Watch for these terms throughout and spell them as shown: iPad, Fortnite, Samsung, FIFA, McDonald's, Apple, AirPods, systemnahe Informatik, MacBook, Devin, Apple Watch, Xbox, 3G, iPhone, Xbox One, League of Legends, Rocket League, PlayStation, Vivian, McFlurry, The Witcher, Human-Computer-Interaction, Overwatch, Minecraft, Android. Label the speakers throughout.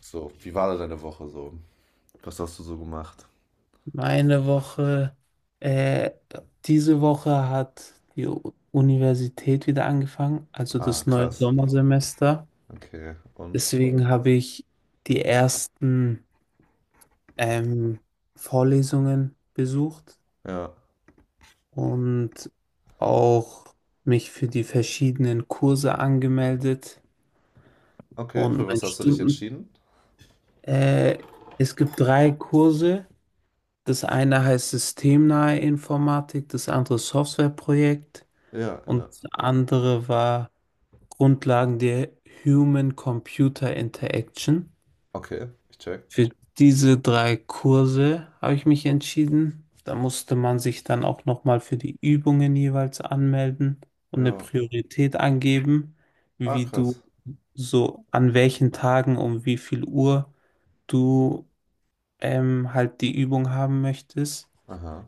Speaker 1: So, wie war da deine Woche so? Was hast du so gemacht?
Speaker 2: Meine Woche, äh, diese Woche hat die Universität wieder angefangen, also
Speaker 1: Ah,
Speaker 2: das neue
Speaker 1: krass.
Speaker 2: Sommersemester.
Speaker 1: Okay, und?
Speaker 2: Deswegen habe ich die ersten ähm, Vorlesungen besucht
Speaker 1: Ja.
Speaker 2: und auch mich für die verschiedenen Kurse angemeldet
Speaker 1: Okay,
Speaker 2: und
Speaker 1: für
Speaker 2: mein
Speaker 1: was hast du dich
Speaker 2: Stunden.
Speaker 1: entschieden?
Speaker 2: Äh, Es gibt drei Kurse. Das eine heißt systemnahe Informatik, das andere Softwareprojekt.
Speaker 1: Ja,
Speaker 2: Und
Speaker 1: ja.
Speaker 2: das andere war Grundlagen der Human-Computer-Interaction.
Speaker 1: Okay, ich check.
Speaker 2: Für diese drei Kurse habe ich mich entschieden. Da musste man sich dann auch nochmal für die Übungen jeweils anmelden und eine
Speaker 1: Ja.
Speaker 2: Priorität angeben,
Speaker 1: Ah,
Speaker 2: wie
Speaker 1: krass.
Speaker 2: du so an welchen Tagen um wie viel Uhr du halt die Übung haben möchtest.
Speaker 1: Aha.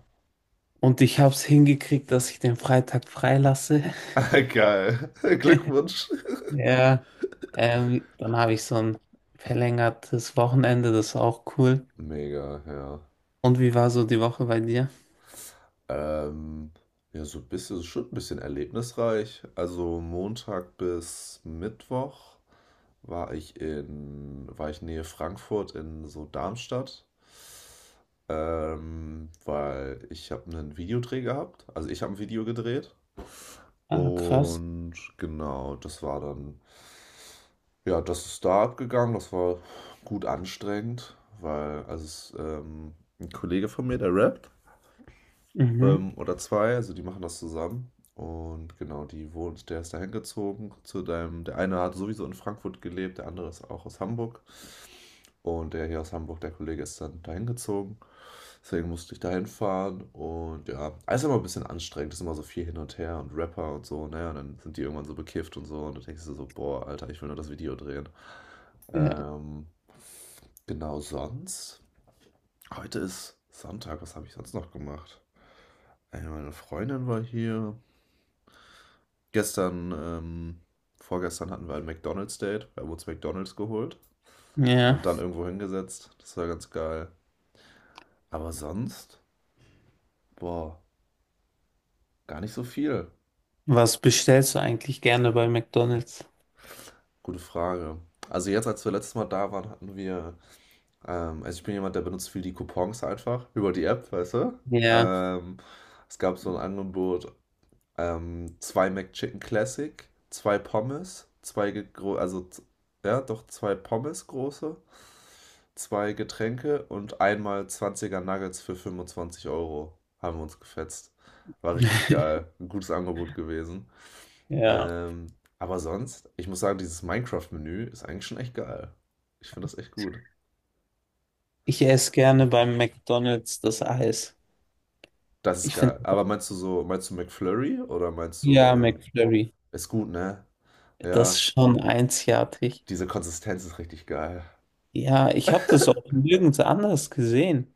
Speaker 2: Und ich habe es hingekriegt, dass ich den Freitag freilasse.
Speaker 1: Geil. Glückwunsch.
Speaker 2: Ja, dann habe ich so ein verlängertes Wochenende, das ist auch cool.
Speaker 1: Mega, ja.
Speaker 2: Und wie war so die Woche bei dir?
Speaker 1: Ähm, ja, so ein bisschen, schon ein bisschen erlebnisreich. Also Montag bis Mittwoch war ich Nähe Frankfurt in so Darmstadt, weil ich habe einen Videodreh gehabt. Also ich habe ein Video gedreht
Speaker 2: Ah, krass.
Speaker 1: und genau, das war dann, ja, das ist da abgegangen. Das war gut anstrengend, weil ein Kollege von mir, der rappt,
Speaker 2: Mhm.
Speaker 1: oder zwei, also die machen das zusammen. Und genau, der ist da hingezogen zu deinem, der eine hat sowieso in Frankfurt gelebt, der andere ist auch aus Hamburg. Und der hier aus Hamburg, der Kollege, ist dann dahin gezogen. Deswegen musste ich dahin fahren. Und ja, alles immer ein bisschen anstrengend. Es ist immer so viel hin und her und Rapper und so. Naja, und dann sind die irgendwann so bekifft und so. Und dann denkst du so, boah, Alter, ich will nur das Video drehen.
Speaker 2: Ja.
Speaker 1: Ähm, genau sonst. Heute ist Sonntag. Was habe ich sonst noch gemacht? Ey, meine Freundin war hier. Gestern, ähm, Vorgestern hatten wir ein McDonald's-Date. Wir haben uns McDonald's geholt
Speaker 2: Ja.
Speaker 1: und dann irgendwo hingesetzt. Das war ganz geil. Aber sonst, boah. Gar nicht so viel.
Speaker 2: Was bestellst du eigentlich gerne bei McDonald's?
Speaker 1: Gute Frage. Also jetzt, als wir letztes Mal da waren, also ich bin jemand, der benutzt viel die Coupons einfach über die App, weißt du?
Speaker 2: Ja.
Speaker 1: Ähm, Es gab so ein Angebot, zwei McChicken Classic, zwei Pommes, zwei, ge- gro- also z- ja, doch zwei Pommes große, zwei Getränke und einmal 20er Nuggets für 25 Euro. Haben wir uns gefetzt. War richtig geil. Ein gutes Angebot gewesen.
Speaker 2: Ja.
Speaker 1: Ähm, aber sonst, ich muss sagen, dieses Minecraft-Menü ist eigentlich schon echt geil. Ich finde das echt gut.
Speaker 2: Ich esse gerne beim McDonald's das Eis.
Speaker 1: Das ist
Speaker 2: Ich finde,
Speaker 1: geil. Aber meinst du so, meinst du McFlurry
Speaker 2: ja, McFlurry,
Speaker 1: ist gut, ne?
Speaker 2: das
Speaker 1: Ja,
Speaker 2: ist schon einzigartig.
Speaker 1: diese Konsistenz ist richtig geil.
Speaker 2: Ja, ich habe das auch nirgends anders gesehen,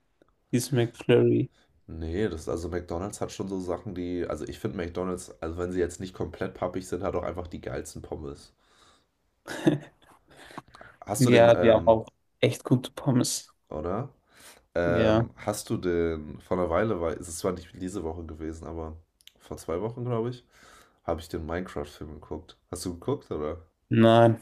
Speaker 2: dieses McFlurry.
Speaker 1: Nee, das also McDonald's hat schon so Sachen, die, also ich finde McDonald's, also wenn sie jetzt nicht komplett pappig sind, hat auch einfach die geilsten Pommes. Hast du den,
Speaker 2: Ja, die haben
Speaker 1: ähm,
Speaker 2: auch echt gute Pommes.
Speaker 1: oder?
Speaker 2: Ja.
Speaker 1: Hast du denn vor einer Weile, weil es ist zwar nicht diese Woche gewesen, aber vor zwei Wochen, glaube ich, habe ich den Minecraft-Film geguckt. Hast du geguckt, oder?
Speaker 2: Nein,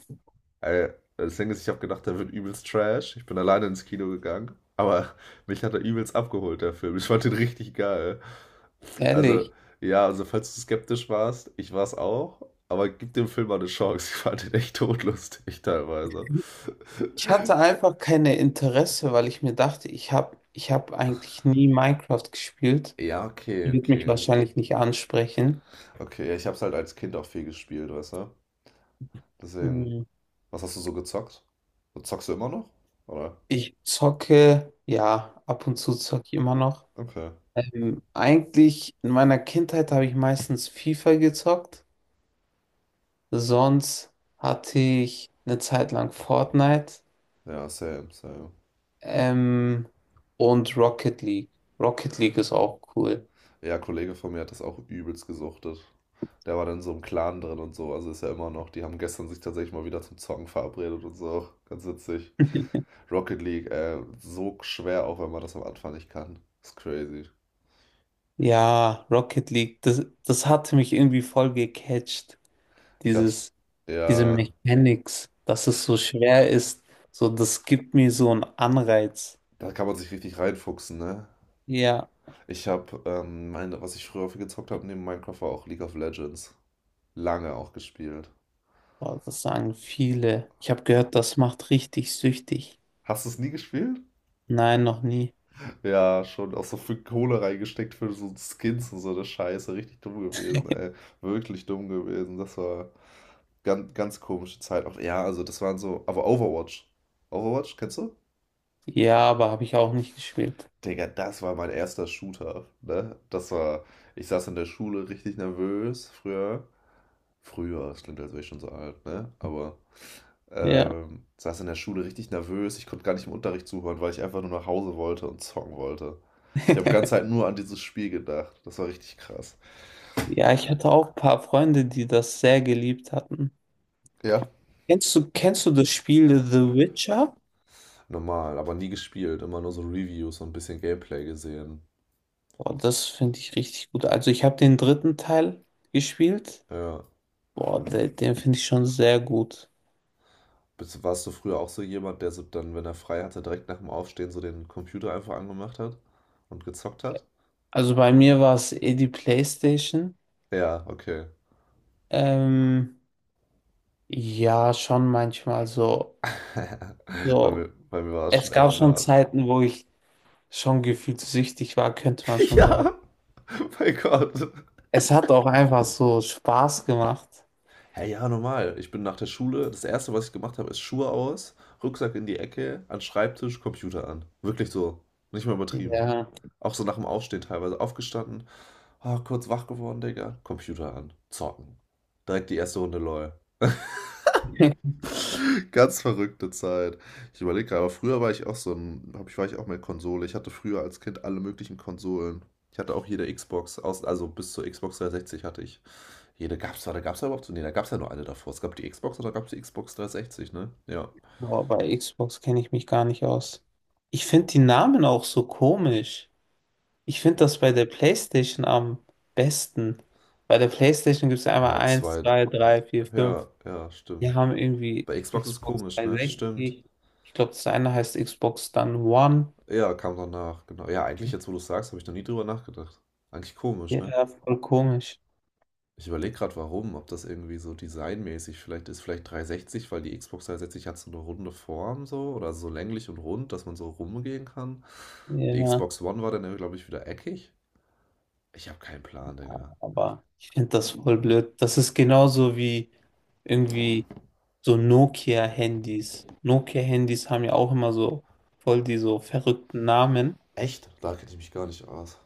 Speaker 1: Ey, das Ding ist, ich habe gedacht, der wird übelst trash. Ich bin alleine ins Kino gegangen, aber mich hat er übelst abgeholt, der Film. Ich fand den richtig geil. Also,
Speaker 2: ehrlich.
Speaker 1: ja, also falls du skeptisch warst, ich war es auch, aber gib dem Film mal eine Chance. Ich fand den echt todlustig teilweise.
Speaker 2: Ich hatte einfach keine Interesse, weil ich mir dachte, ich hab eigentlich nie Minecraft gespielt.
Speaker 1: Ja, okay,
Speaker 2: Wird mich
Speaker 1: okay.
Speaker 2: wahrscheinlich nicht ansprechen.
Speaker 1: Okay, ja, ich habe es halt als Kind auch viel gespielt, weißt du? Deswegen,
Speaker 2: Mhm.
Speaker 1: was hast du so gezockt? Zockst du immer noch? Oder?
Speaker 2: Ich zocke, ja, ab und zu zocke ich immer noch.
Speaker 1: Okay.
Speaker 2: Eigentlich in meiner Kindheit habe ich meistens FIFA gezockt. Sonst hatte ich eine Zeit lang Fortnite,
Speaker 1: Ja, same.
Speaker 2: ähm, und Rocket League. Rocket League ist auch cool.
Speaker 1: Ja, ein Kollege von mir hat das auch übelst gesuchtet. Der war dann in so einem Clan drin und so, also ist ja immer noch. Die haben gestern sich tatsächlich mal wieder zum Zocken verabredet und so. Ganz witzig. Rocket League, so schwer, auch wenn man das am Anfang nicht kann. Ist crazy.
Speaker 2: Ja, Rocket League, das hatte mich irgendwie voll gecatcht.
Speaker 1: Ich hatte,
Speaker 2: Dieses, diese
Speaker 1: ja,
Speaker 2: Mechanics, dass es so schwer ist, so, das gibt mir so einen Anreiz.
Speaker 1: da kann man sich richtig reinfuchsen, ne?
Speaker 2: Ja,
Speaker 1: Was ich früher viel gezockt habe neben Minecraft war auch League of Legends. Lange auch gespielt.
Speaker 2: boah, das sagen viele. Ich habe gehört, das macht richtig süchtig.
Speaker 1: Hast du es nie gespielt?
Speaker 2: Nein, noch nie.
Speaker 1: Ja, schon auch so viel Kohle reingesteckt für so Skins und so eine Scheiße. Richtig dumm gewesen, ey. Wirklich dumm gewesen. Das war ganz komische Zeit. Auch, ja, also das waren so. Aber Overwatch. Overwatch, kennst du?
Speaker 2: Ja, aber habe ich auch nicht gespielt.
Speaker 1: Digga, das war mein erster Shooter, ne? Das war. Ich saß in der Schule richtig nervös früher. Früher, das klingt, als wäre ich schon so alt, ne? Aber
Speaker 2: Ja.
Speaker 1: Ähm, saß in der Schule richtig nervös. Ich konnte gar nicht im Unterricht zuhören, weil ich einfach nur nach Hause wollte und zocken wollte. Ich habe die ganze Zeit nur an dieses Spiel gedacht. Das war richtig krass.
Speaker 2: Ja, ich hatte auch ein paar Freunde, die das sehr geliebt hatten.
Speaker 1: Ja,
Speaker 2: Kennst du das Spiel The Witcher?
Speaker 1: normal, aber nie gespielt. Immer nur so Reviews und ein bisschen Gameplay gesehen.
Speaker 2: Boah, das finde ich richtig gut. Also ich habe den dritten Teil gespielt.
Speaker 1: Ja.
Speaker 2: Boah, den finde ich schon sehr gut.
Speaker 1: Warst du früher auch so jemand, der so dann, wenn er frei hatte, direkt nach dem Aufstehen so den Computer einfach angemacht hat und gezockt hat?
Speaker 2: Also bei mir war es eh die PlayStation.
Speaker 1: Ja, okay.
Speaker 2: Ähm, ja, schon manchmal so.
Speaker 1: Bei
Speaker 2: So,
Speaker 1: mir, bei mir war es
Speaker 2: es
Speaker 1: schon
Speaker 2: gab
Speaker 1: echt
Speaker 2: schon
Speaker 1: hart.
Speaker 2: Zeiten, wo ich schon gefühlt süchtig war, könnte man schon sagen.
Speaker 1: Ja, mein Gott.
Speaker 2: Es hat auch einfach so Spaß gemacht.
Speaker 1: Hey, ja, normal. Ich bin nach der Schule, das Erste, was ich gemacht habe, ist Schuhe aus, Rucksack in die Ecke, an den Schreibtisch, Computer an. Wirklich so. Nicht mal übertrieben.
Speaker 2: Ja.
Speaker 1: Auch so nach dem Aufstehen teilweise aufgestanden. Ah, kurz wach geworden, Digga. Computer an. Zocken. Direkt die erste Runde LOL. Ganz verrückte Zeit. Ich überlege gerade, aber früher war ich auch so war ich auch mit Konsole. Ich hatte früher als Kind alle möglichen Konsolen. Ich hatte auch jede Xbox, also bis zur Xbox 360 hatte ich hier, da gab es da gab's ja überhaupt so. Nee, da gab es ja nur eine davor. Es gab die Xbox und da gab es die Xbox 360, ne? Ja.
Speaker 2: Boah, bei Xbox kenne ich mich gar nicht aus. Ich finde die Namen auch so komisch. Ich finde das bei der PlayStation am besten. Bei der PlayStation gibt es einmal
Speaker 1: Ja,
Speaker 2: eins,
Speaker 1: zwei.
Speaker 2: 2, 3, 4,
Speaker 1: Ja,
Speaker 2: fünf.
Speaker 1: ja,
Speaker 2: Wir
Speaker 1: stimmt.
Speaker 2: haben irgendwie
Speaker 1: Bei Xbox ist
Speaker 2: Xbox
Speaker 1: komisch, ne? Stimmt.
Speaker 2: 360. Ich glaube, das eine heißt Xbox dann One.
Speaker 1: Ja, kam danach, genau. Ja, eigentlich, jetzt wo du sagst, habe ich noch nie drüber nachgedacht. Eigentlich komisch, ne?
Speaker 2: Ja, voll komisch.
Speaker 1: Ich überlege gerade, warum, ob das irgendwie so designmäßig vielleicht ist. Vielleicht 360, weil die Xbox 360 hat so eine runde Form so oder so länglich und rund, dass man so rumgehen kann. Die
Speaker 2: Ja,
Speaker 1: Xbox One war dann, glaube ich, wieder eckig. Ich habe keinen Plan, Digga.
Speaker 2: aber ich finde das voll blöd. Das ist genauso wie irgendwie so Nokia-Handys. Nokia-Handys haben ja auch immer so voll die so verrückten Namen.
Speaker 1: Echt? Da kenne ich mich gar nicht aus.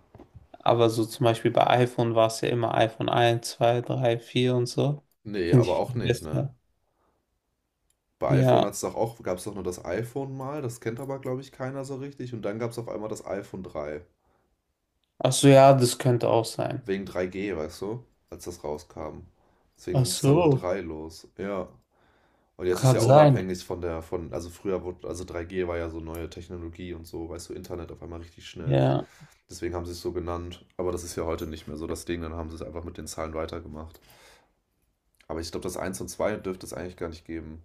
Speaker 2: Aber so zum Beispiel bei iPhone war es ja immer iPhone eins 2 3 4 und so.
Speaker 1: Nee,
Speaker 2: Finde
Speaker 1: aber
Speaker 2: ich
Speaker 1: auch
Speaker 2: viel
Speaker 1: nicht, ne?
Speaker 2: besser.
Speaker 1: Bei iPhone
Speaker 2: Ja.
Speaker 1: hat's doch auch gab es doch nur das iPhone mal, das kennt aber, glaube ich, keiner so richtig. Und dann gab es auf einmal das iPhone drei.
Speaker 2: Ach so, ja, das könnte auch sein.
Speaker 1: Wegen 3G, weißt du? Als das rauskam. Deswegen
Speaker 2: Ach
Speaker 1: ging es dann mit
Speaker 2: so,
Speaker 1: 3 los. Ja. Und jetzt ist
Speaker 2: kann
Speaker 1: ja
Speaker 2: sein.
Speaker 1: unabhängig also früher wurde, also 3G war ja so neue Technologie und so, weißt du, Internet auf einmal richtig schnell.
Speaker 2: Ja.
Speaker 1: Deswegen haben sie es so genannt. Aber das ist ja heute nicht mehr so das Ding, dann haben sie es einfach mit den Zahlen weitergemacht. Aber ich glaube, das eins und 2 dürfte es eigentlich gar nicht geben.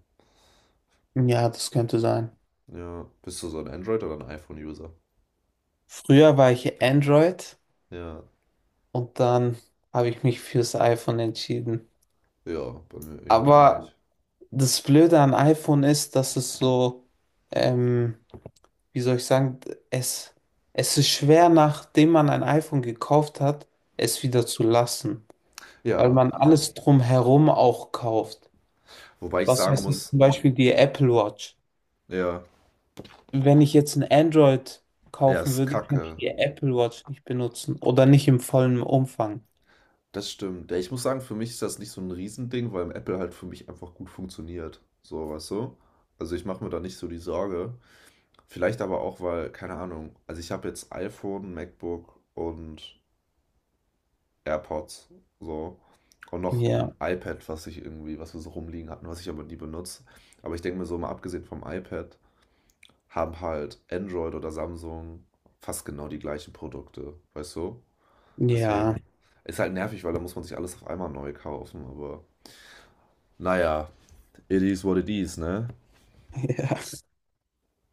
Speaker 2: Ja, das könnte sein.
Speaker 1: Ja. Bist du so ein Android- oder ein iPhone-User?
Speaker 2: Früher war ich Android
Speaker 1: Ja.
Speaker 2: und dann habe ich mich fürs iPhone entschieden.
Speaker 1: Ja, bei mir irgendwie
Speaker 2: Aber
Speaker 1: ähnlich.
Speaker 2: das Blöde an iPhone ist, dass es so, ähm, wie soll ich sagen, es, es ist schwer, nachdem man ein iPhone gekauft hat, es wieder zu lassen. Weil
Speaker 1: Ja,
Speaker 2: man alles drumherum auch kauft.
Speaker 1: wobei ich
Speaker 2: Was
Speaker 1: sagen
Speaker 2: weiß ich,
Speaker 1: muss,
Speaker 2: zum Beispiel die Apple Watch.
Speaker 1: ja,
Speaker 2: Wenn ich jetzt ein Android
Speaker 1: ja,
Speaker 2: kaufen
Speaker 1: ist
Speaker 2: würde, könnte ich
Speaker 1: kacke.
Speaker 2: die Apple Watch nicht benutzen oder nicht im vollen Umfang.
Speaker 1: Das stimmt. Ja, ich muss sagen, für mich ist das nicht so ein Riesending, weil Apple halt für mich einfach gut funktioniert. So, weißt du? Also ich mache mir da nicht so die Sorge. Vielleicht aber auch, weil, keine Ahnung, also ich habe jetzt iPhone, MacBook und AirPods. So. Und noch
Speaker 2: Ja,
Speaker 1: ein iPad, was ich irgendwie, was wir so rumliegen hatten, was ich aber nie benutze. Aber ich denke mir so, mal abgesehen vom iPad, haben halt Android oder Samsung fast genau die gleichen Produkte, weißt du?
Speaker 2: ja,
Speaker 1: Deswegen ist halt nervig, weil da muss man sich alles auf einmal neu kaufen, aber naja, it is what it is, ne?
Speaker 2: ja.